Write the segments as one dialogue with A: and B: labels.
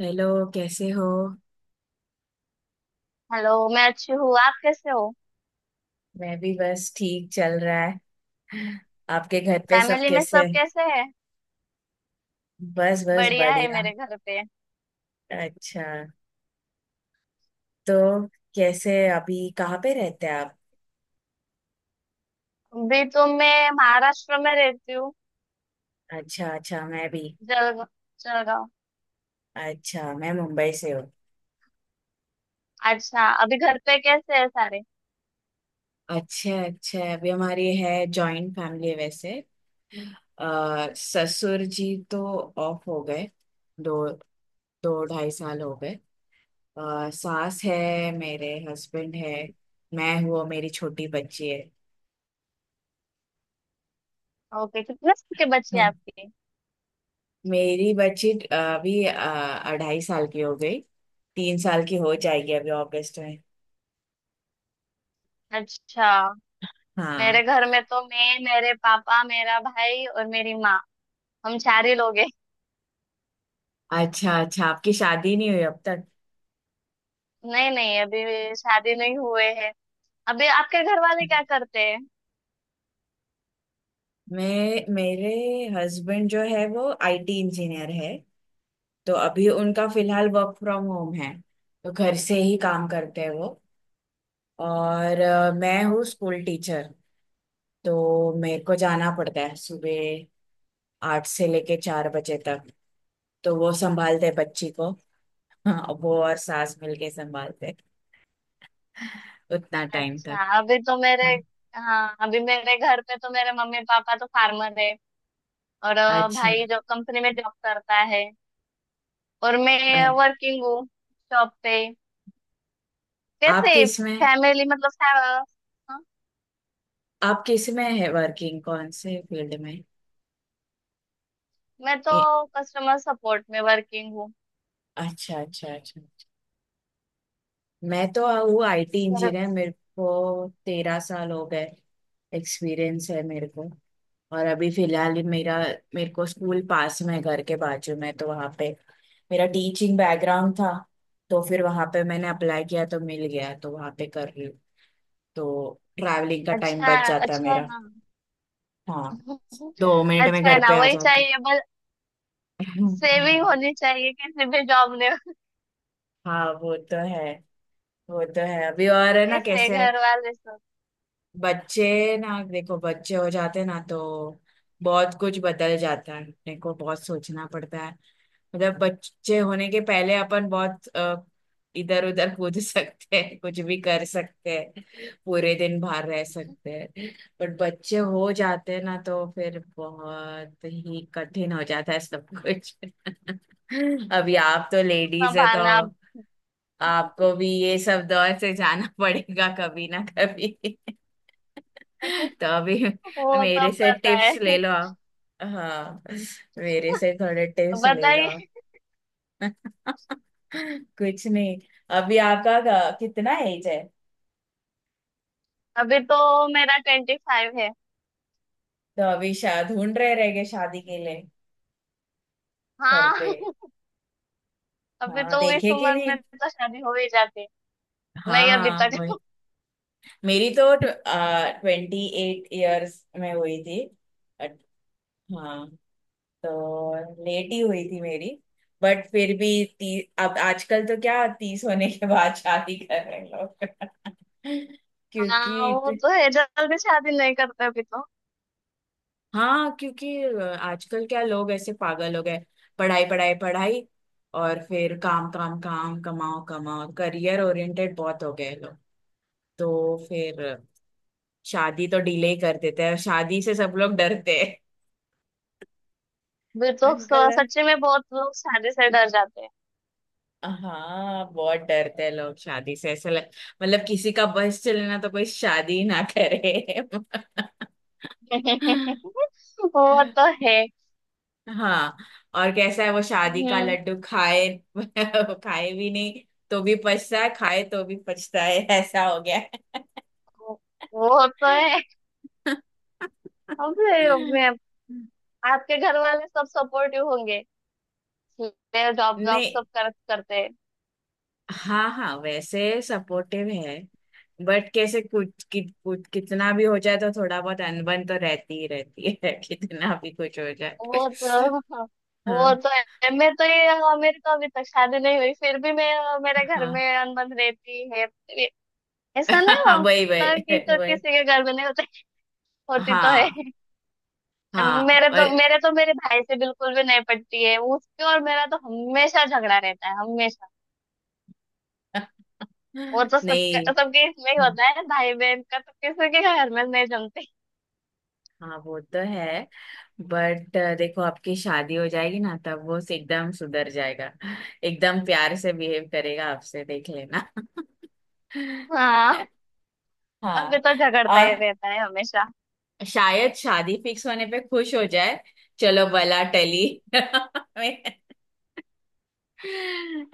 A: Hello. कैसे हो?
B: Hello. मैं अच्छी हूँ। आप कैसे हो?
A: मैं भी बस ठीक चल रहा है। आपके घर पे सब
B: फैमिली में
A: कैसे
B: सब
A: हैं?
B: कैसे हैं?
A: बस बस
B: बढ़िया है
A: बढ़िया।
B: मेरे घर पे।
A: अच्छा। तो कैसे, अभी कहाँ पे रहते हैं आप?
B: अभी तो मैं महाराष्ट्र में रहती हूँ।
A: अच्छा अच्छा, मैं भी।
B: जलगांव। जलगांव।
A: अच्छा, मैं मुंबई से हूँ।
B: अच्छा, अभी घर पे कैसे हैं सारे?
A: अच्छा अच्छा। अभी हमारी है जॉइंट फैमिली है। वैसे ससुर जी तो ऑफ हो गए। दो दो ढाई साल हो गए। सास है, मेरे हस्बैंड है, मैं हूँ और मेरी छोटी बच्ची
B: ओके, कितने साल के बच्चे हैं
A: है।
B: आपके?
A: मेरी बच्ची अभी अढ़ाई साल की हो गई। 3 साल की हो जाएगी अभी अगस्त में।
B: अच्छा।
A: हाँ।
B: मेरे घर में तो मैं, मेरे पापा, मेरा भाई और मेरी माँ। हम चार ही लोग हैं।
A: अच्छा अच्छा। आपकी शादी नहीं हुई अब तक?
B: नहीं, नहीं, अभी शादी नहीं हुए हैं। अभी आपके घर वाले क्या करते हैं?
A: मैं मेरे हस्बैंड जो है वो आईटी इंजीनियर है। तो अभी उनका फिलहाल वर्क फ्रॉम होम है, तो घर से ही काम करते हैं वो। और मैं हूँ स्कूल टीचर। तो मेरे को जाना पड़ता है सुबह 8 से लेके 4 बजे तक। तो वो संभालते हैं बच्ची को। हाँ, वो और सास मिलके संभालते उतना टाइम तक।
B: अच्छा, अभी तो मेरे।
A: हाँ।
B: हाँ, अभी मेरे घर पे तो मेरे मम्मी पापा तो फार्मर है। और
A: अच्छा।
B: भाई जो कंपनी में जॉब करता है। और मैं
A: अ-
B: वर्किंग हूँ। जॉब पे। कैसे?
A: आपके इसमें
B: फैमिली मतलब हाँ।
A: आपके इसमें है, वर्किंग कौन से फील्ड में?
B: मैं तो
A: ए,
B: कस्टमर सपोर्ट में वर्किंग हूँ।
A: अच्छा अच्छा अच्छा। मैं तो
B: हम्म,
A: हूँ आईटी
B: और?
A: इंजीनियर, मेरे को 13 साल हो गए एक्सपीरियंस है मेरे को। और अभी फिलहाल ही मेरा, मेरे को स्कूल पास में है, घर के बाजू में, तो वहाँ पे मेरा टीचिंग बैकग्राउंड था, तो फिर वहाँ पे मैंने अप्लाई किया तो मिल गया, तो वहाँ पे कर रही हूँ। तो ट्रैवलिंग का टाइम
B: अच्छा।
A: बच जाता है
B: अच्छा है
A: मेरा।
B: ना।
A: हाँ, 2 मिनट में
B: अच्छा है
A: घर
B: ना,
A: पे आ
B: वही
A: जाती।
B: चाहिए बस।
A: हम्म,
B: सेविंग होनी चाहिए किसी भी जॉब में।
A: हाँ वो तो है। वो तो है। अभी और है ना,
B: कैसे
A: कैसे।
B: घर वाले सब?
A: बच्चे ना देखो, बच्चे हो जाते ना तो बहुत कुछ बदल जाता है, अपने को बहुत सोचना पड़ता है। मतलब बच्चे होने के पहले अपन बहुत इधर उधर कूद सकते हैं, कुछ भी कर सकते हैं, पूरे दिन बाहर रह सकते हैं। बट बच्चे हो जाते हैं ना तो फिर बहुत ही कठिन हो जाता है सब कुछ। अभी आप तो लेडीज है, तो
B: संभालना।
A: आपको भी ये सब दौर से जाना पड़ेगा कभी ना कभी। तो अभी
B: वो तो
A: मेरे से
B: पता है।
A: टिप्स ले लो आप। हाँ, मेरे से थोड़े टिप्स ले लो आप।
B: बताइए।
A: कुछ नहीं। अभी आपका कितना एज है?
B: अभी तो मेरा 25 है।
A: तो अभी शा ढूंढ रहेंगे शादी के लिए घर पे?
B: हाँ। अभी
A: हाँ
B: तो इस
A: देखे कि
B: उम्र
A: नहीं।
B: में तो शादी हो ही जाती। नहीं, अभी
A: हाँ,
B: तक।
A: वही। मेरी तो 28 इयर्स में हुई थी। बट हाँ, तो लेट ही हुई थी मेरी। बट फिर भी अब आजकल तो क्या 30 होने के बाद शादी कर रहे हैं लोग। क्योंकि
B: हाँ, वो तो है, जल्दी शादी नहीं करते अभी तो।
A: हाँ, क्योंकि आजकल क्या लोग ऐसे पागल हो गए। पढ़ाई पढ़ाई पढ़ाई, और फिर काम काम काम, कमाओ कमाओ, करियर ओरिएंटेड बहुत हो गए लोग। तो फिर शादी तो डिले ही कर देते हैं, शादी से सब लोग डरते हैं।
B: अभी तो
A: अंकल।
B: सच्ची में बहुत लोग शादी से डर जाते
A: हाँ, बहुत डरते हैं लोग शादी से, ऐसा लग, मतलब किसी का बस चले ना तो कोई शादी ही ना करे।
B: हैं। वो तो है।
A: हाँ। और कैसा है वो शादी का
B: हम्म।
A: लड्डू, खाए खाए भी नहीं तो भी पछता है, खाए तो भी पछता है, ऐसा हो गया है।
B: वो तो है। अभी, अभी, आपके घर वाले सब सपोर्टिव होंगे? जॉब जॉब
A: नहीं।
B: सब करते हैं।
A: हाँ हाँ, वैसे सपोर्टिव है। बट कैसे कुछ कितना भी हो जाए तो थोड़ा बहुत अनबन तो रहती ही रहती है कितना भी कुछ हो जाए।
B: वो तो। हाँ, वो
A: हाँ।
B: तो है, मैं तो ये, हाँ, मेरे को अभी तक शादी नहीं हुई फिर भी, मैं, हाँ, मेरे घर में
A: हाँ।
B: अनबन रहती है। ऐसा नहीं
A: हाँ, वही
B: होता कि
A: वही
B: तो
A: वही।
B: किसी के घर में नहीं होती। होती तो है।
A: हाँ हाँ।
B: मेरे
A: और
B: तो मेरे तो मेरे भाई से बिल्कुल भी नहीं पटती है उसके, और मेरा तो हमेशा झगड़ा रहता है, हमेशा। वो तो सबका
A: नहीं।
B: सबके इसमें ही होता है, भाई बहन का तो किसी के घर में नहीं जमती।
A: हाँ, वो तो है। बट देखो आपकी शादी हो जाएगी ना तब वो एकदम सुधर जाएगा, एकदम प्यार से बिहेव करेगा आपसे, देख लेना।
B: हाँ, अभी
A: हाँ।
B: तो झगड़ता ही
A: और
B: रहता है हमेशा।
A: शायद शादी फिक्स होने पे खुश हो जाए, चलो भला टली।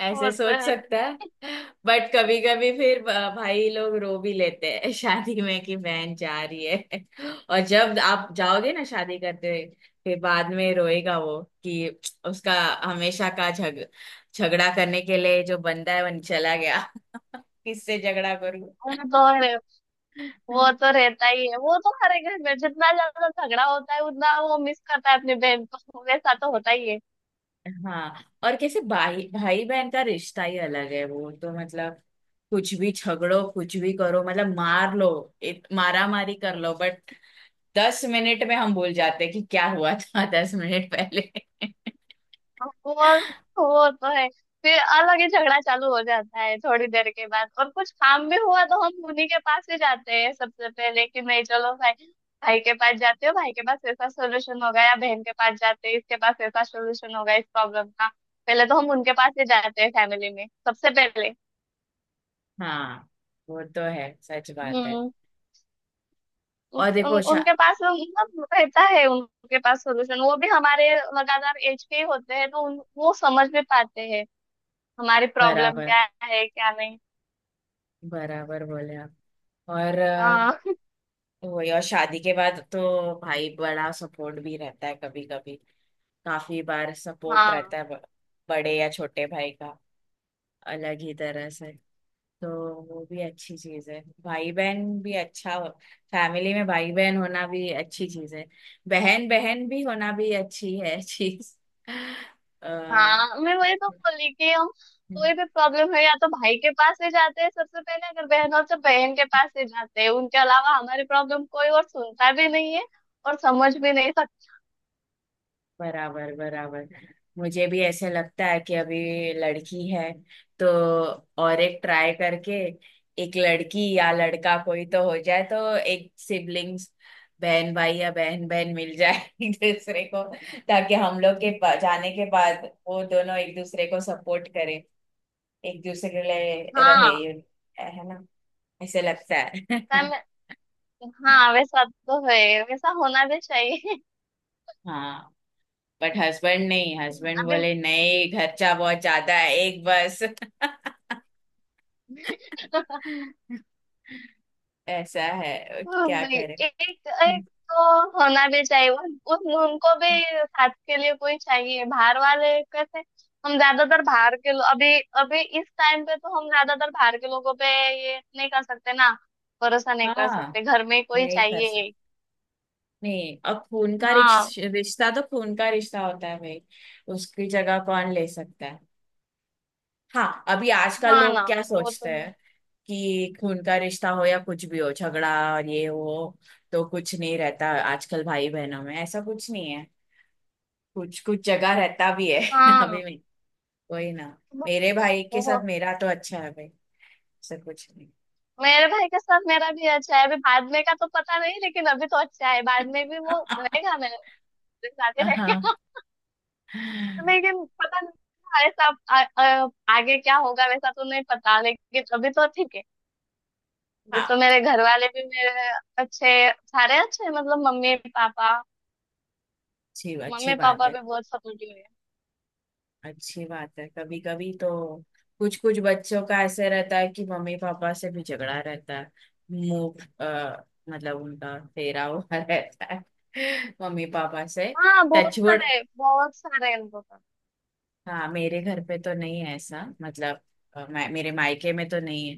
A: ऐसे
B: वो तो
A: सोच
B: है।
A: सकता है। बट कभी कभी फिर भाई लोग रो भी लेते हैं शादी में कि बहन जा रही है। और जब आप जाओगे ना शादी करते हुए, फिर बाद में रोएगा वो कि उसका हमेशा का झग झगड़ा करने के लिए जो बंदा है वो चला गया। किससे झगड़ा
B: वो तो है।
A: करूं?
B: वो तो रहता ही है, वो तो हर एक घर में जितना ज्यादा झगड़ा होता है उतना वो मिस करता है अपनी बहन को। वैसा तो होता ही है।
A: हाँ। और कैसे भाई, भाई बहन का रिश्ता ही अलग है वो तो, मतलब कुछ भी झगड़ो कुछ भी करो, मतलब मार लो, मारा मारी कर लो, बट 10 मिनट में हम भूल जाते हैं कि क्या हुआ था 10 मिनट पहले।
B: वो वो तो है। फिर अलग ही झगड़ा चालू हो जाता है थोड़ी देर के बाद, और कुछ काम भी हुआ तो हम उन्हीं के पास ही जाते हैं सबसे पहले कि नहीं चलो भाई। भाई के पास जाते हो, भाई के पास ऐसा सोल्यूशन होगा, या बहन के पास जाते हैं इसके पास ऐसा सोल्यूशन होगा इस प्रॉब्लम का। पहले तो हम उनके पास ही जाते हैं फैमिली में सबसे पहले।
A: हाँ, वो तो है, सच बात है।
B: हम्म। उस,
A: और देखो
B: उन,
A: शा
B: उनके पास मतलब रहता है उनके पास सोल्यूशन, वो भी हमारे लगातार एज के ही होते हैं, तो वो समझ भी पाते हैं हमारी प्रॉब्लम
A: बराबर,
B: क्या है क्या नहीं।
A: बराबर बोले आप। और
B: हाँ,
A: वही, और शादी के बाद तो भाई बड़ा सपोर्ट भी रहता है, कभी कभी काफी बार सपोर्ट
B: हाँ।
A: रहता है, बड़े या छोटे भाई का, अलग ही तरह से। तो वो भी अच्छी चीज है, भाई बहन भी अच्छा, फैमिली में भाई बहन होना भी अच्छी चीज है, बहन बहन भी होना भी अच्छी है चीज।
B: हाँ, मैं वही तो बोली कि हम
A: अ,
B: कोई भी प्रॉब्लम है या तो भाई के पास ही जाते हैं सबसे पहले, अगर बहन हो तो बहन के पास ही जाते हैं, उनके अलावा हमारी प्रॉब्लम कोई और सुनता भी नहीं है। और समझ भी नहीं सकता।
A: बराबर बराबर। मुझे भी ऐसे लगता है कि अभी लड़की है तो, और एक ट्राई करके एक लड़की या लड़का कोई तो हो जाए, तो एक सिबलिंग्स, बहन भाई या बहन बहन मिल जाए एक दूसरे को, ताकि हम लोग के जाने के बाद वो दोनों एक दूसरे को सपोर्ट करें, एक दूसरे के लिए
B: हाँ।
A: रहे ये, है ना? ऐसे लगता है।
B: मैं- हाँ, वैसा तो है, वैसा होना भी चाहिए।
A: हाँ। बट हस्बैंड नहीं, हस्बैंड
B: अभी,
A: बोले नहीं, खर्चा बहुत ज्यादा है, एक बस। ऐसा है,
B: हम
A: क्या
B: भी
A: करें।
B: एक एक तो होना भी चाहिए, उन, उन- उनको भी साथ के लिए कोई चाहिए, बाहर वाले कैसे? हम ज्यादातर बाहर के लो- अभी, अभी इस टाइम पे तो हम ज्यादातर बाहर के लोगों पे ये नहीं कर सकते ना, भरोसा नहीं कर
A: हाँ,
B: सकते, घर में कोई
A: नहीं कर
B: चाहिए।
A: सकते। नहीं, अब खून का
B: हाँ।
A: रिश्ता तो खून का रिश्ता होता है भाई, उसकी जगह कौन ले सकता है? हाँ। अभी आजकल
B: हाँ
A: लोग
B: ना।
A: क्या
B: वो तो
A: सोचते
B: है।
A: हैं कि खून का रिश्ता हो या कुछ भी हो, झगड़ा और ये वो, तो कुछ नहीं रहता आजकल भाई बहनों में, ऐसा कुछ नहीं है, कुछ कुछ जगह रहता भी है। अभी
B: हाँ।
A: में वही ना,
B: वो,
A: मेरे भाई के
B: वो-
A: साथ मेरा तो अच्छा है भाई, ऐसा कुछ
B: मेरे भाई के साथ मेरा भी अच्छा है, अभी बाद में का तो पता नहीं लेकिन अभी तो अच्छा है, बाद में भी
A: नहीं।
B: वो रहेगा मेरे, मेरे साथ ही
A: हाँ हाँ।
B: रहेगा। लेकिन पता नहीं था, ऐसा आ, आ, आगे क्या होगा वैसा तो नहीं पता लेकिन अभी तो ठीक है। अभी तो
A: अच्छी।
B: मेरे घर वाले भी मेरे अच्छे, सारे अच्छे हैं, मतलब मम्मी पापा।
A: अच्छी
B: मम्मी
A: बात
B: पापा
A: है।
B: भी बहुत सपोर्टिव है।
A: अच्छी बात है, कभी कभी तो कुछ कुछ बच्चों का ऐसे रहता है कि मम्मी पापा से भी झगड़ा रहता है। मुंह मतलब उनका फेरा हुआ रहता है मम्मी पापा से।
B: हाँ, बहुत
A: टचवुड।
B: सारे, बहुत सारे हैं।
A: हाँ, मेरे घर पे तो नहीं है ऐसा, मतलब मैं मेरे मायके में तो नहीं है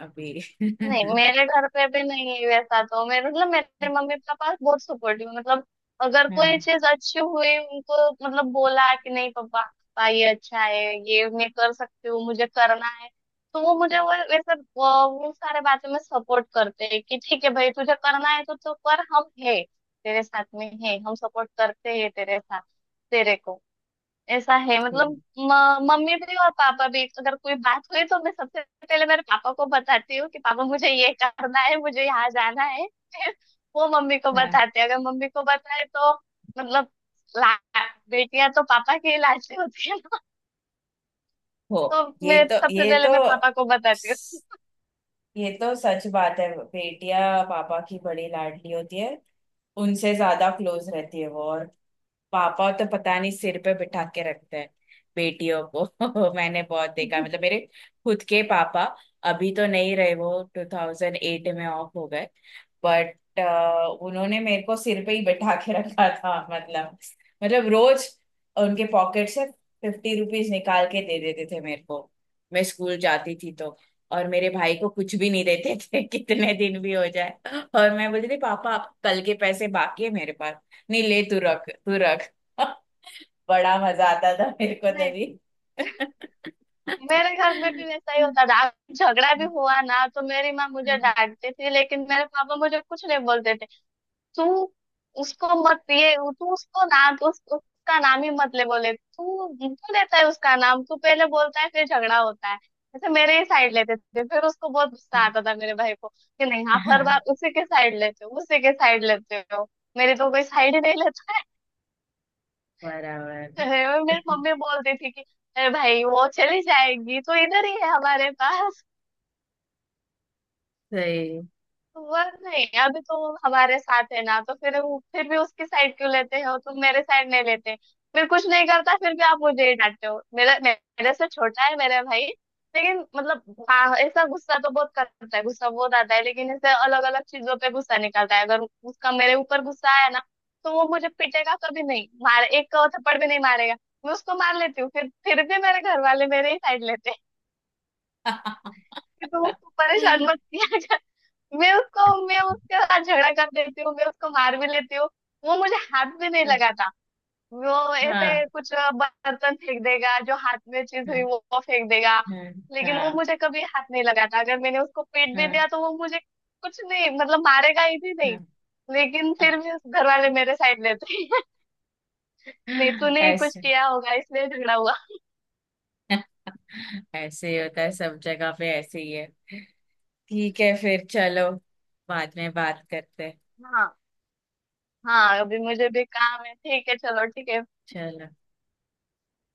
A: अभी।
B: नहीं, मेरे घर पे भी नहीं है वैसा, तो मेरे मतलब मेरे मम्मी पापा बहुत सपोर्टिव, मतलब अगर कोई
A: हाँ
B: चीज अच्छी हुई उनको मतलब बोला कि नहीं पापा पापा ये अच्छा है, ये मैं कर सकती हूँ मुझे करना है, तो वो मुझे वो वैसे वो सारे बातें में सपोर्ट करते हैं कि ठीक है भाई तुझे करना है तो तू कर, हम है तेरे साथ में, है हम सपोर्ट करते हैं तेरे साथ, तेरे को ऐसा है मतलब।
A: ठीक
B: मम्मी भी और पापा भी, अगर कोई बात हुई तो मैं सबसे पहले मेरे पापा को बताती हूँ कि पापा मुझे ये करना है मुझे यहाँ जाना है, फिर वो मम्मी को
A: है।
B: बताते हैं। अगर मम्मी को बताए तो मतलब ला बेटियां तो पापा की लाशें होती है,
A: हो,
B: तो
A: ये
B: मैं
A: तो
B: सबसे
A: ये
B: पहले
A: तो
B: मैं पापा को बताती
A: ये तो सच बात है, बेटियां पापा की बड़ी लाडली होती है, उनसे ज्यादा क्लोज रहती है वो। और पापा तो पता नहीं सिर पे बिठा के रखते हैं बेटियों को। मैंने बहुत देखा,
B: हूँ।
A: मतलब मेरे खुद के पापा, अभी तो नहीं रहे वो, 2008 में ऑफ हो गए। बट उन्होंने मेरे को सिर पे ही बैठा के रखा था, मतलब, मतलब रोज उनके पॉकेट से 50 रुपीज निकाल के दे देते थे मेरे को, मैं स्कूल जाती थी तो। और मेरे भाई को कुछ भी नहीं देते थे। कितने दिन भी हो जाए और मैं बोलती थी, पापा आप कल के पैसे बाकी है मेरे पास, नहीं ले, तू रख तू रख। बड़ा मजा आता था मेरे को
B: नहीं,
A: तभी।
B: मेरे घर में भी वैसा ही होता था। झगड़ा भी हुआ ना तो मेरी माँ मुझे डांटती थी लेकिन मेरे पापा मुझे कुछ नहीं बोलते थे। तू उसको मत, ये तू उसको ना, तू उसका नाम ही मत ले, बोले तू क्यों लेता है उसका नाम, तू पहले बोलता है फिर झगड़ा होता है। ऐसे मेरे ही साइड लेते थे, फिर उसको बहुत गुस्सा आता था मेरे भाई को कि नहीं आप हर बार
A: हाँ,
B: उसी के साइड लेते हो, उसी के साइड लेते हो, मेरी तो कोई साइड ही नहीं लेता
A: बराबर,
B: है। और मेरी मम्मी बोलती थी कि अरे भाई वो चली जाएगी तो इधर ही है हमारे पास,
A: सही।
B: वह नहीं अभी तुम हमारे साथ है ना तो फिर वो फिर भी उसकी साइड क्यों लेते हो, तुम मेरे साइड नहीं लेते। फिर कुछ नहीं करता फिर भी आप मुझे ही डांटते हो, मेरा, मेरे से छोटा है मेरा भाई। लेकिन मतलब हाँ, ऐसा गुस्सा तो बहुत करता है, गुस्सा बहुत आता है लेकिन ऐसे अलग अलग चीजों पे गुस्सा निकलता है, अगर उसका मेरे ऊपर गुस्सा आया ना तो वो मुझे पीटेगा कभी नहीं, मार एक थप्पड़ भी नहीं मारेगा। मैं उसको मार लेती हूँ, फिर भी मेरे घर वाले मेरे ही साइड लेते हैं। कि तुम उसको परेशान मत किया। मैं उसको, मैं उसके साथ झगड़ा कर देती हूँ, मैं उसको मार भी लेती हूँ। वो मुझे हाथ भी नहीं लगाता। वो
A: हाँ हाँ
B: ऐसे कुछ बर्तन फेंक देगा, जो हाथ में चीज हुई वो फेंक देगा।
A: हाँ
B: लेकिन वो
A: हाँ
B: मुझे कभी हाथ नहीं लगाता, अगर मैंने उसको पीट भी
A: हाँ
B: दिया तो वो मुझे कुछ नहीं मतलब मारेगा ही भी नहीं।
A: हाँ।
B: लेकिन फिर भी घर वाले मेरे साइड लेते हैं। नहीं तूने ही कुछ
A: ऐसे,
B: किया होगा इसलिए झगड़ा हुआ।
A: ऐसे ही होता है सब जगह पे, ऐसे ही है। ठीक है, फिर चलो, बाद में बात करते हैं।
B: हाँ। हाँ, अभी मुझे भी काम है, ठीक है, चलो, ठीक है।
A: चलो।